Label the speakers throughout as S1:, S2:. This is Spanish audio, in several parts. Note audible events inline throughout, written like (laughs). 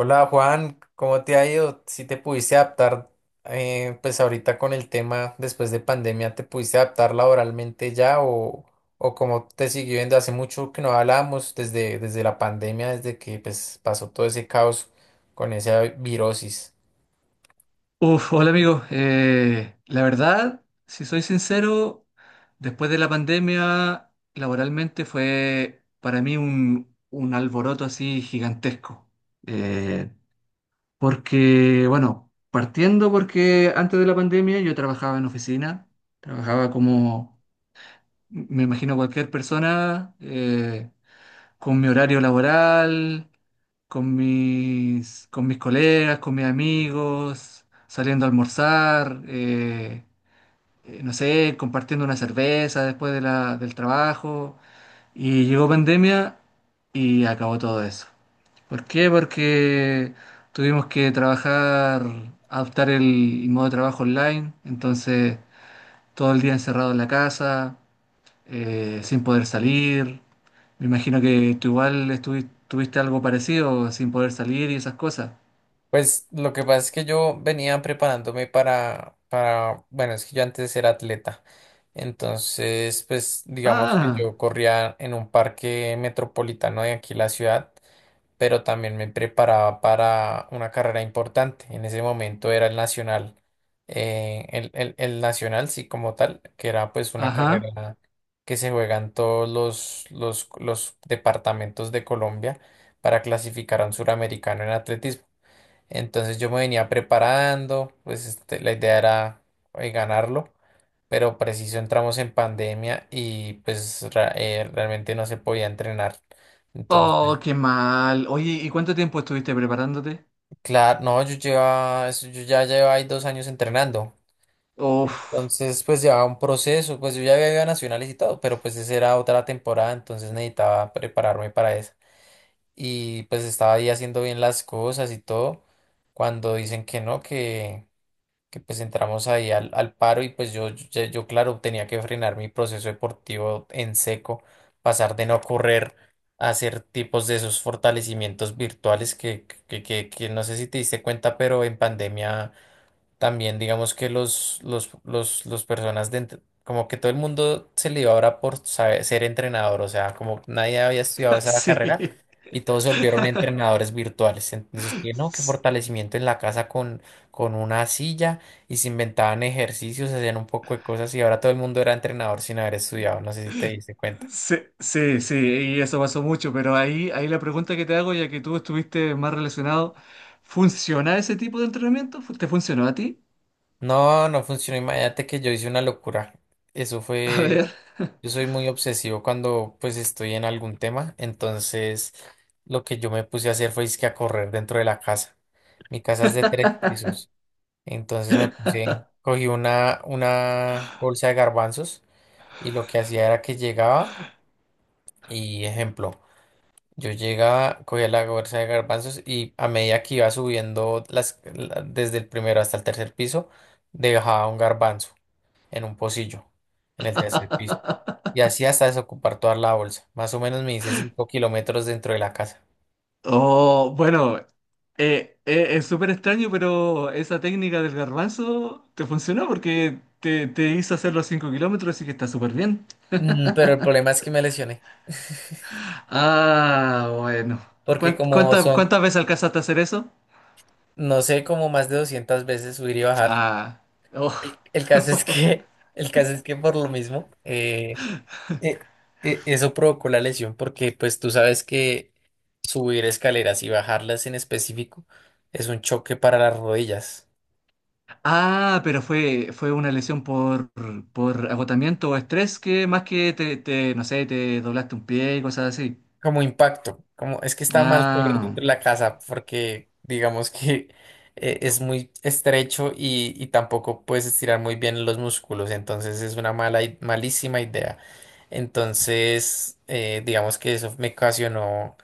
S1: Hola Juan, ¿cómo te ha ido? Si te pudiste adaptar, pues ahorita con el tema después de pandemia, ¿te pudiste adaptar laboralmente ya o cómo te siguió viendo? Hace mucho que no hablábamos desde la pandemia, desde que pues, pasó todo ese caos con esa virosis.
S2: Uf, hola amigo. La verdad, si soy sincero, después de la pandemia, laboralmente fue para mí un alboroto así gigantesco. Eh, Porque, bueno, partiendo porque antes de la pandemia yo trabajaba en oficina, trabajaba como, me imagino, cualquier persona, con mi horario laboral con mis colegas, con mis amigos, saliendo a almorzar, no sé, compartiendo una cerveza del trabajo. Y llegó pandemia y acabó todo eso. ¿Por qué? Porque tuvimos que trabajar, adoptar el modo de trabajo online, entonces todo el día encerrado en la casa, sin poder salir. Me imagino que tú igual tuviste algo parecido, sin poder salir y esas cosas.
S1: Pues lo que pasa es que yo venía preparándome para, bueno, es que yo antes era atleta. Entonces, pues digamos que
S2: Ah,
S1: yo corría en un parque metropolitano de aquí la ciudad. Pero también me preparaba para una carrera importante. En ese momento era el nacional, el nacional, sí, como tal, que era pues una
S2: ajá.
S1: carrera que se juegan todos los departamentos de Colombia para clasificar a un suramericano en atletismo. Entonces yo me venía preparando, pues este, la idea era ganarlo, pero preciso entramos en pandemia y pues realmente no se podía entrenar.
S2: Oh,
S1: Entonces
S2: qué mal. Oye, ¿y cuánto tiempo estuviste preparándote?
S1: claro, no, yo ya llevo ahí 2 años entrenando.
S2: Uf.
S1: Entonces, pues llevaba un proceso, pues yo ya había ido a nacionales y todo, pero pues esa era otra temporada, entonces necesitaba prepararme para eso. Y pues estaba ahí haciendo bien las cosas y todo, cuando dicen que no, que pues entramos ahí al paro y pues yo, claro, tenía que frenar mi proceso deportivo en seco, pasar de no correr a hacer tipos de esos fortalecimientos virtuales que no sé si te diste cuenta, pero en pandemia también digamos que los personas como que todo el mundo se le iba ahora por ser entrenador, o sea, como nadie había estudiado
S2: (laughs)
S1: esa
S2: Sí.
S1: carrera y todos se volvieron entrenadores virtuales. Entonces, que no, que fortalecimiento en la casa con una silla, y se inventaban ejercicios, hacían un poco de cosas y ahora todo el mundo era entrenador sin haber estudiado, no sé si te diste cuenta.
S2: Sí, sí, sí, y eso pasó mucho, pero ahí la pregunta que te hago, ya que tú estuviste más relacionado, ¿funciona ese tipo de entrenamiento? Te funcionó a ti?
S1: No, no funcionó. Imagínate que yo hice una locura. Eso
S2: (laughs) A
S1: fue.
S2: ver.
S1: Yo soy muy obsesivo cuando pues estoy en algún tema. Entonces, lo que yo me puse a hacer fue que a correr dentro de la casa. Mi casa es de 3 pisos. Entonces me puse, cogí una bolsa de garbanzos y lo que hacía era que llegaba y ejemplo, yo llegaba, cogía la bolsa de garbanzos y a medida que iba subiendo desde el primero hasta el tercer piso, dejaba un garbanzo en un pocillo, en el tercer piso. Y así hasta desocupar toda la bolsa. Más o menos me hice 5 kilómetros dentro de la casa.
S2: Oh, bueno, es súper extraño, pero esa técnica del garbanzo te funcionó porque te hizo hacer los 5 kilómetros, así que está súper bien.
S1: Mm, pero el problema es que me lesioné,
S2: Ah, bueno.
S1: porque como son,
S2: Cuántas veces alcanzaste a hacer eso?
S1: no sé, como más de 200 veces subir y bajar.
S2: Ah, oh.
S1: El caso es
S2: (laughs)
S1: que, (laughs) el caso es que por lo mismo, eh, eso provocó la lesión, porque pues tú sabes que subir escaleras y bajarlas en específico es un choque para las rodillas.
S2: Ah, pero fue una lesión por agotamiento o estrés que más que no sé, te doblaste un pie y cosas así.
S1: Como impacto, como es que está mal correr dentro
S2: Ah,
S1: de la casa porque digamos que es muy estrecho y tampoco puedes estirar muy bien los músculos, entonces es una malísima idea. Entonces, digamos que eso me ocasionó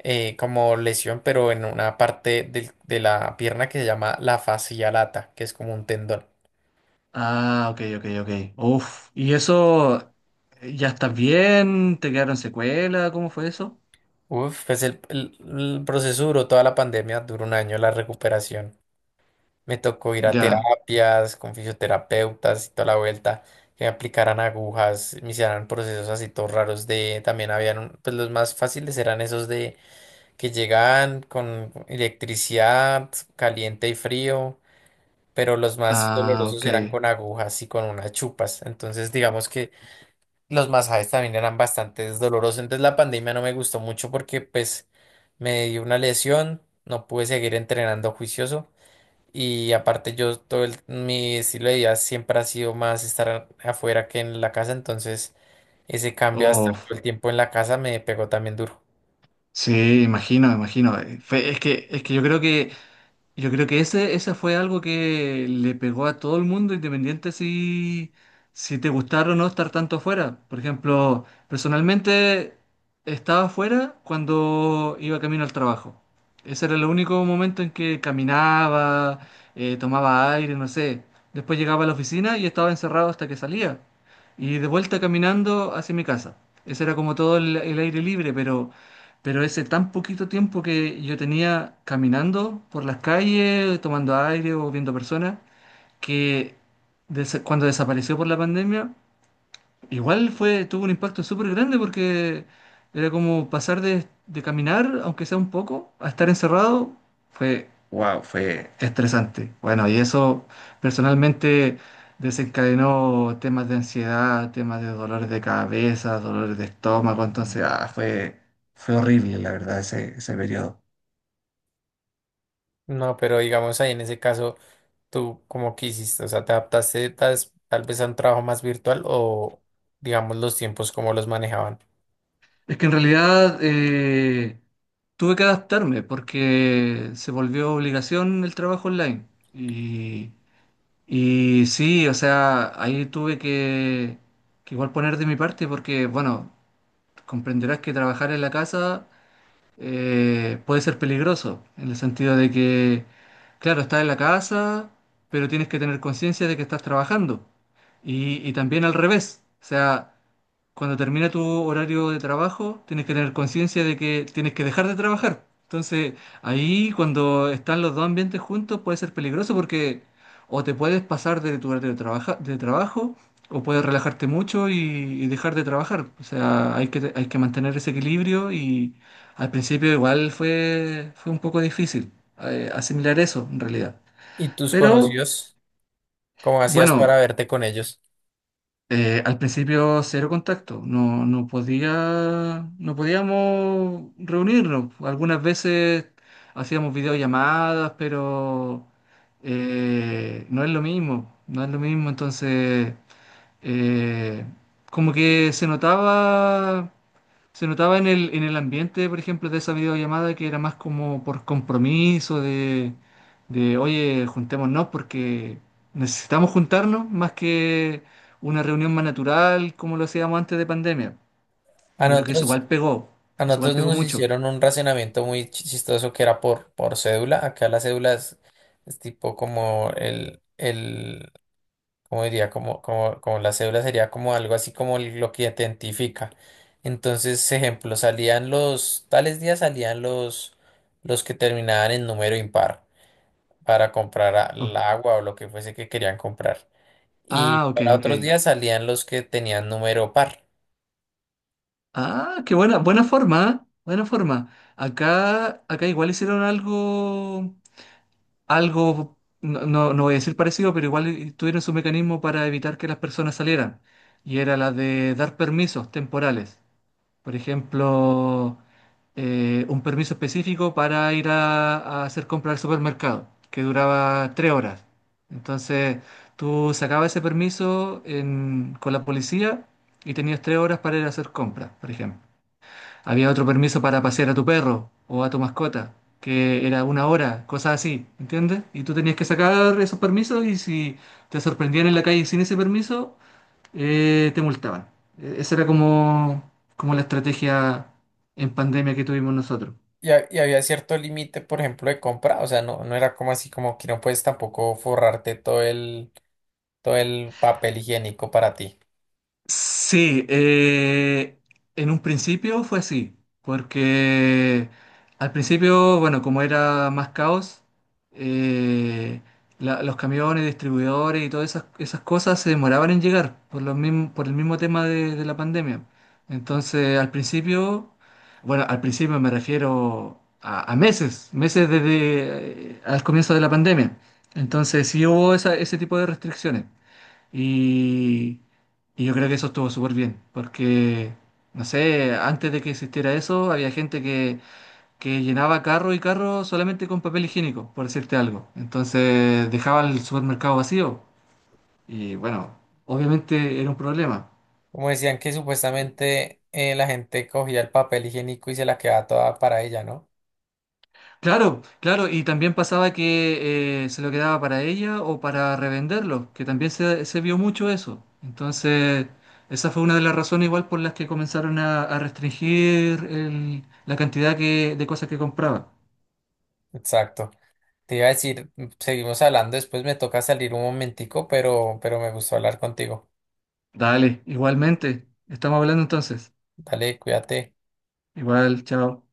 S1: como lesión, pero en una parte de la pierna que se llama la fascia lata, que es como un tendón.
S2: ah, ok, ok, ok. Uf, ¿y eso ya estás bien? ¿Te quedaron secuelas? ¿Cómo fue eso?
S1: Uf, pues el proceso duró toda la pandemia, duró un año la recuperación. Me tocó ir a
S2: Ya.
S1: terapias con fisioterapeutas y toda la vuelta, que me aplicaran agujas, me hicieran procesos así todos raros de, también habían, pues los más fáciles eran esos de que llegaban con electricidad, caliente y frío, pero los más
S2: Ah,
S1: dolorosos
S2: ok.
S1: eran con agujas y con unas chupas. Entonces, digamos que los masajes también eran bastante dolorosos. Entonces, la pandemia no me gustó mucho porque pues me dio una lesión, no pude seguir entrenando juicioso. Y aparte yo mi estilo de vida siempre ha sido más estar afuera que en la casa, entonces ese cambio hasta
S2: Uf,
S1: todo el tiempo en la casa me pegó también duro.
S2: sí, imagino, imagino. Es que yo creo que yo creo que ese fue algo que le pegó a todo el mundo, independiente si, si te gustara o no estar tanto afuera. Por ejemplo, personalmente estaba afuera cuando iba camino al trabajo. Ese era el único momento en que caminaba, tomaba aire, no sé. Después llegaba a la oficina y estaba encerrado hasta que salía. Y de vuelta caminando hacia mi casa. Ese era como todo el aire libre, pero... Pero ese tan poquito tiempo que yo tenía caminando por las calles, tomando aire o viendo personas, que cuando desapareció por la pandemia, igual fue, tuvo un impacto súper grande porque era como pasar de caminar, aunque sea un poco, a estar encerrado, fue, wow, fue estresante. Bueno, y eso personalmente desencadenó temas de ansiedad, temas de dolores de cabeza, dolores de estómago, entonces, ah, fue, fue horrible, la verdad, ese periodo.
S1: No, pero digamos ahí en ese caso, ¿tú cómo que hiciste? O sea, ¿te adaptaste tal vez a un trabajo más virtual o digamos los tiempos cómo los manejaban?
S2: Es que en realidad tuve que adaptarme porque se volvió obligación el trabajo online. Y Y sí, o sea, ahí tuve que igual poner de mi parte porque, bueno, comprenderás que trabajar en la casa puede ser peligroso, en el sentido de que, claro, estás en la casa, pero tienes que tener conciencia de que estás trabajando. Y también al revés, o sea, cuando termina tu horario de trabajo, tienes que tener conciencia de que tienes que dejar de trabajar. Entonces, ahí cuando están los dos ambientes juntos puede ser peligroso porque o te puedes pasar de tu horario de, de trabajo o puedes relajarte mucho y dejar de trabajar. O sea, hay que mantener ese equilibrio y al principio igual fue, fue un poco difícil asimilar eso en realidad.
S1: ¿Y tus
S2: Pero
S1: conocidos? ¿Cómo hacías para
S2: bueno.
S1: verte con ellos?
S2: Al principio cero contacto, no podía, no podíamos reunirnos. Algunas veces hacíamos videollamadas, pero no es lo mismo, no es lo mismo. Entonces, eh, como que se notaba en en el ambiente, por ejemplo, de esa videollamada que era más como por compromiso oye, juntémonos porque necesitamos juntarnos más que una reunión más natural como lo hacíamos antes de pandemia.
S1: A
S2: Yo creo que
S1: nosotros A
S2: eso igual
S1: nosotros
S2: pegó
S1: nos
S2: mucho.
S1: hicieron un racionamiento muy chistoso que era por cédula. Acá las cédulas es tipo como ¿cómo diría? Como, como, como la cédula sería como algo así como lo que identifica. Entonces, ejemplo, salían los tales días salían los que terminaban en número impar para comprar
S2: Oh.
S1: el agua o lo que fuese que querían comprar. Y
S2: Ah, ok,
S1: para
S2: ok.
S1: otros días salían los que tenían número par.
S2: Ah, qué buena, buena forma, ¿eh? Buena forma. Acá, acá igual hicieron algo, algo, no, no, no voy a decir parecido, pero igual tuvieron su mecanismo para evitar que las personas salieran. Y era la de dar permisos temporales. Por ejemplo, un permiso específico para ir a hacer compras al supermercado, que duraba 3 horas. Entonces, tú sacabas ese con la policía y tenías 3 horas para ir a hacer compras, por ejemplo. Había otro permiso para pasear a tu perro o a tu mascota, que era una hora, cosas así, ¿entiendes? Y tú tenías que sacar esos permisos y si te sorprendían en la calle sin ese permiso, te multaban. Esa era como, como la estrategia en pandemia que tuvimos nosotros.
S1: Y había cierto límite, por ejemplo, de compra, o sea, no, no era como así como que no puedes tampoco forrarte todo el papel higiénico para ti.
S2: Sí, en un principio fue así, porque al principio, bueno, como era más caos, eh, los camiones, distribuidores y todas esas cosas se demoraban en llegar por los por el mismo tema de la pandemia. Entonces, al principio, bueno, al principio me refiero a meses, meses desde al comienzo de la pandemia. Entonces, sí hubo ese tipo de restricciones. Y, y yo creo que eso estuvo súper bien, porque, no sé, antes de que existiera eso, había gente que llenaba carro y carro solamente con papel higiénico, por decirte algo. Entonces dejaba el supermercado vacío y bueno, obviamente era un problema.
S1: Como decían que supuestamente la gente cogía el papel higiénico y se la quedaba toda para ella, ¿no?
S2: Claro, claro, y también pasaba que se lo quedaba para ella o para revenderlo, que también se vio mucho eso. Entonces, esa fue una de las razones igual por las que comenzaron a restringir la cantidad que, de cosas que compraba.
S1: Exacto. Te iba a decir, mm, seguimos hablando, después me toca salir un momentico, pero me gustó hablar contigo.
S2: Dale, igualmente, estamos hablando entonces.
S1: Dale, cuídate.
S2: Igual, chao.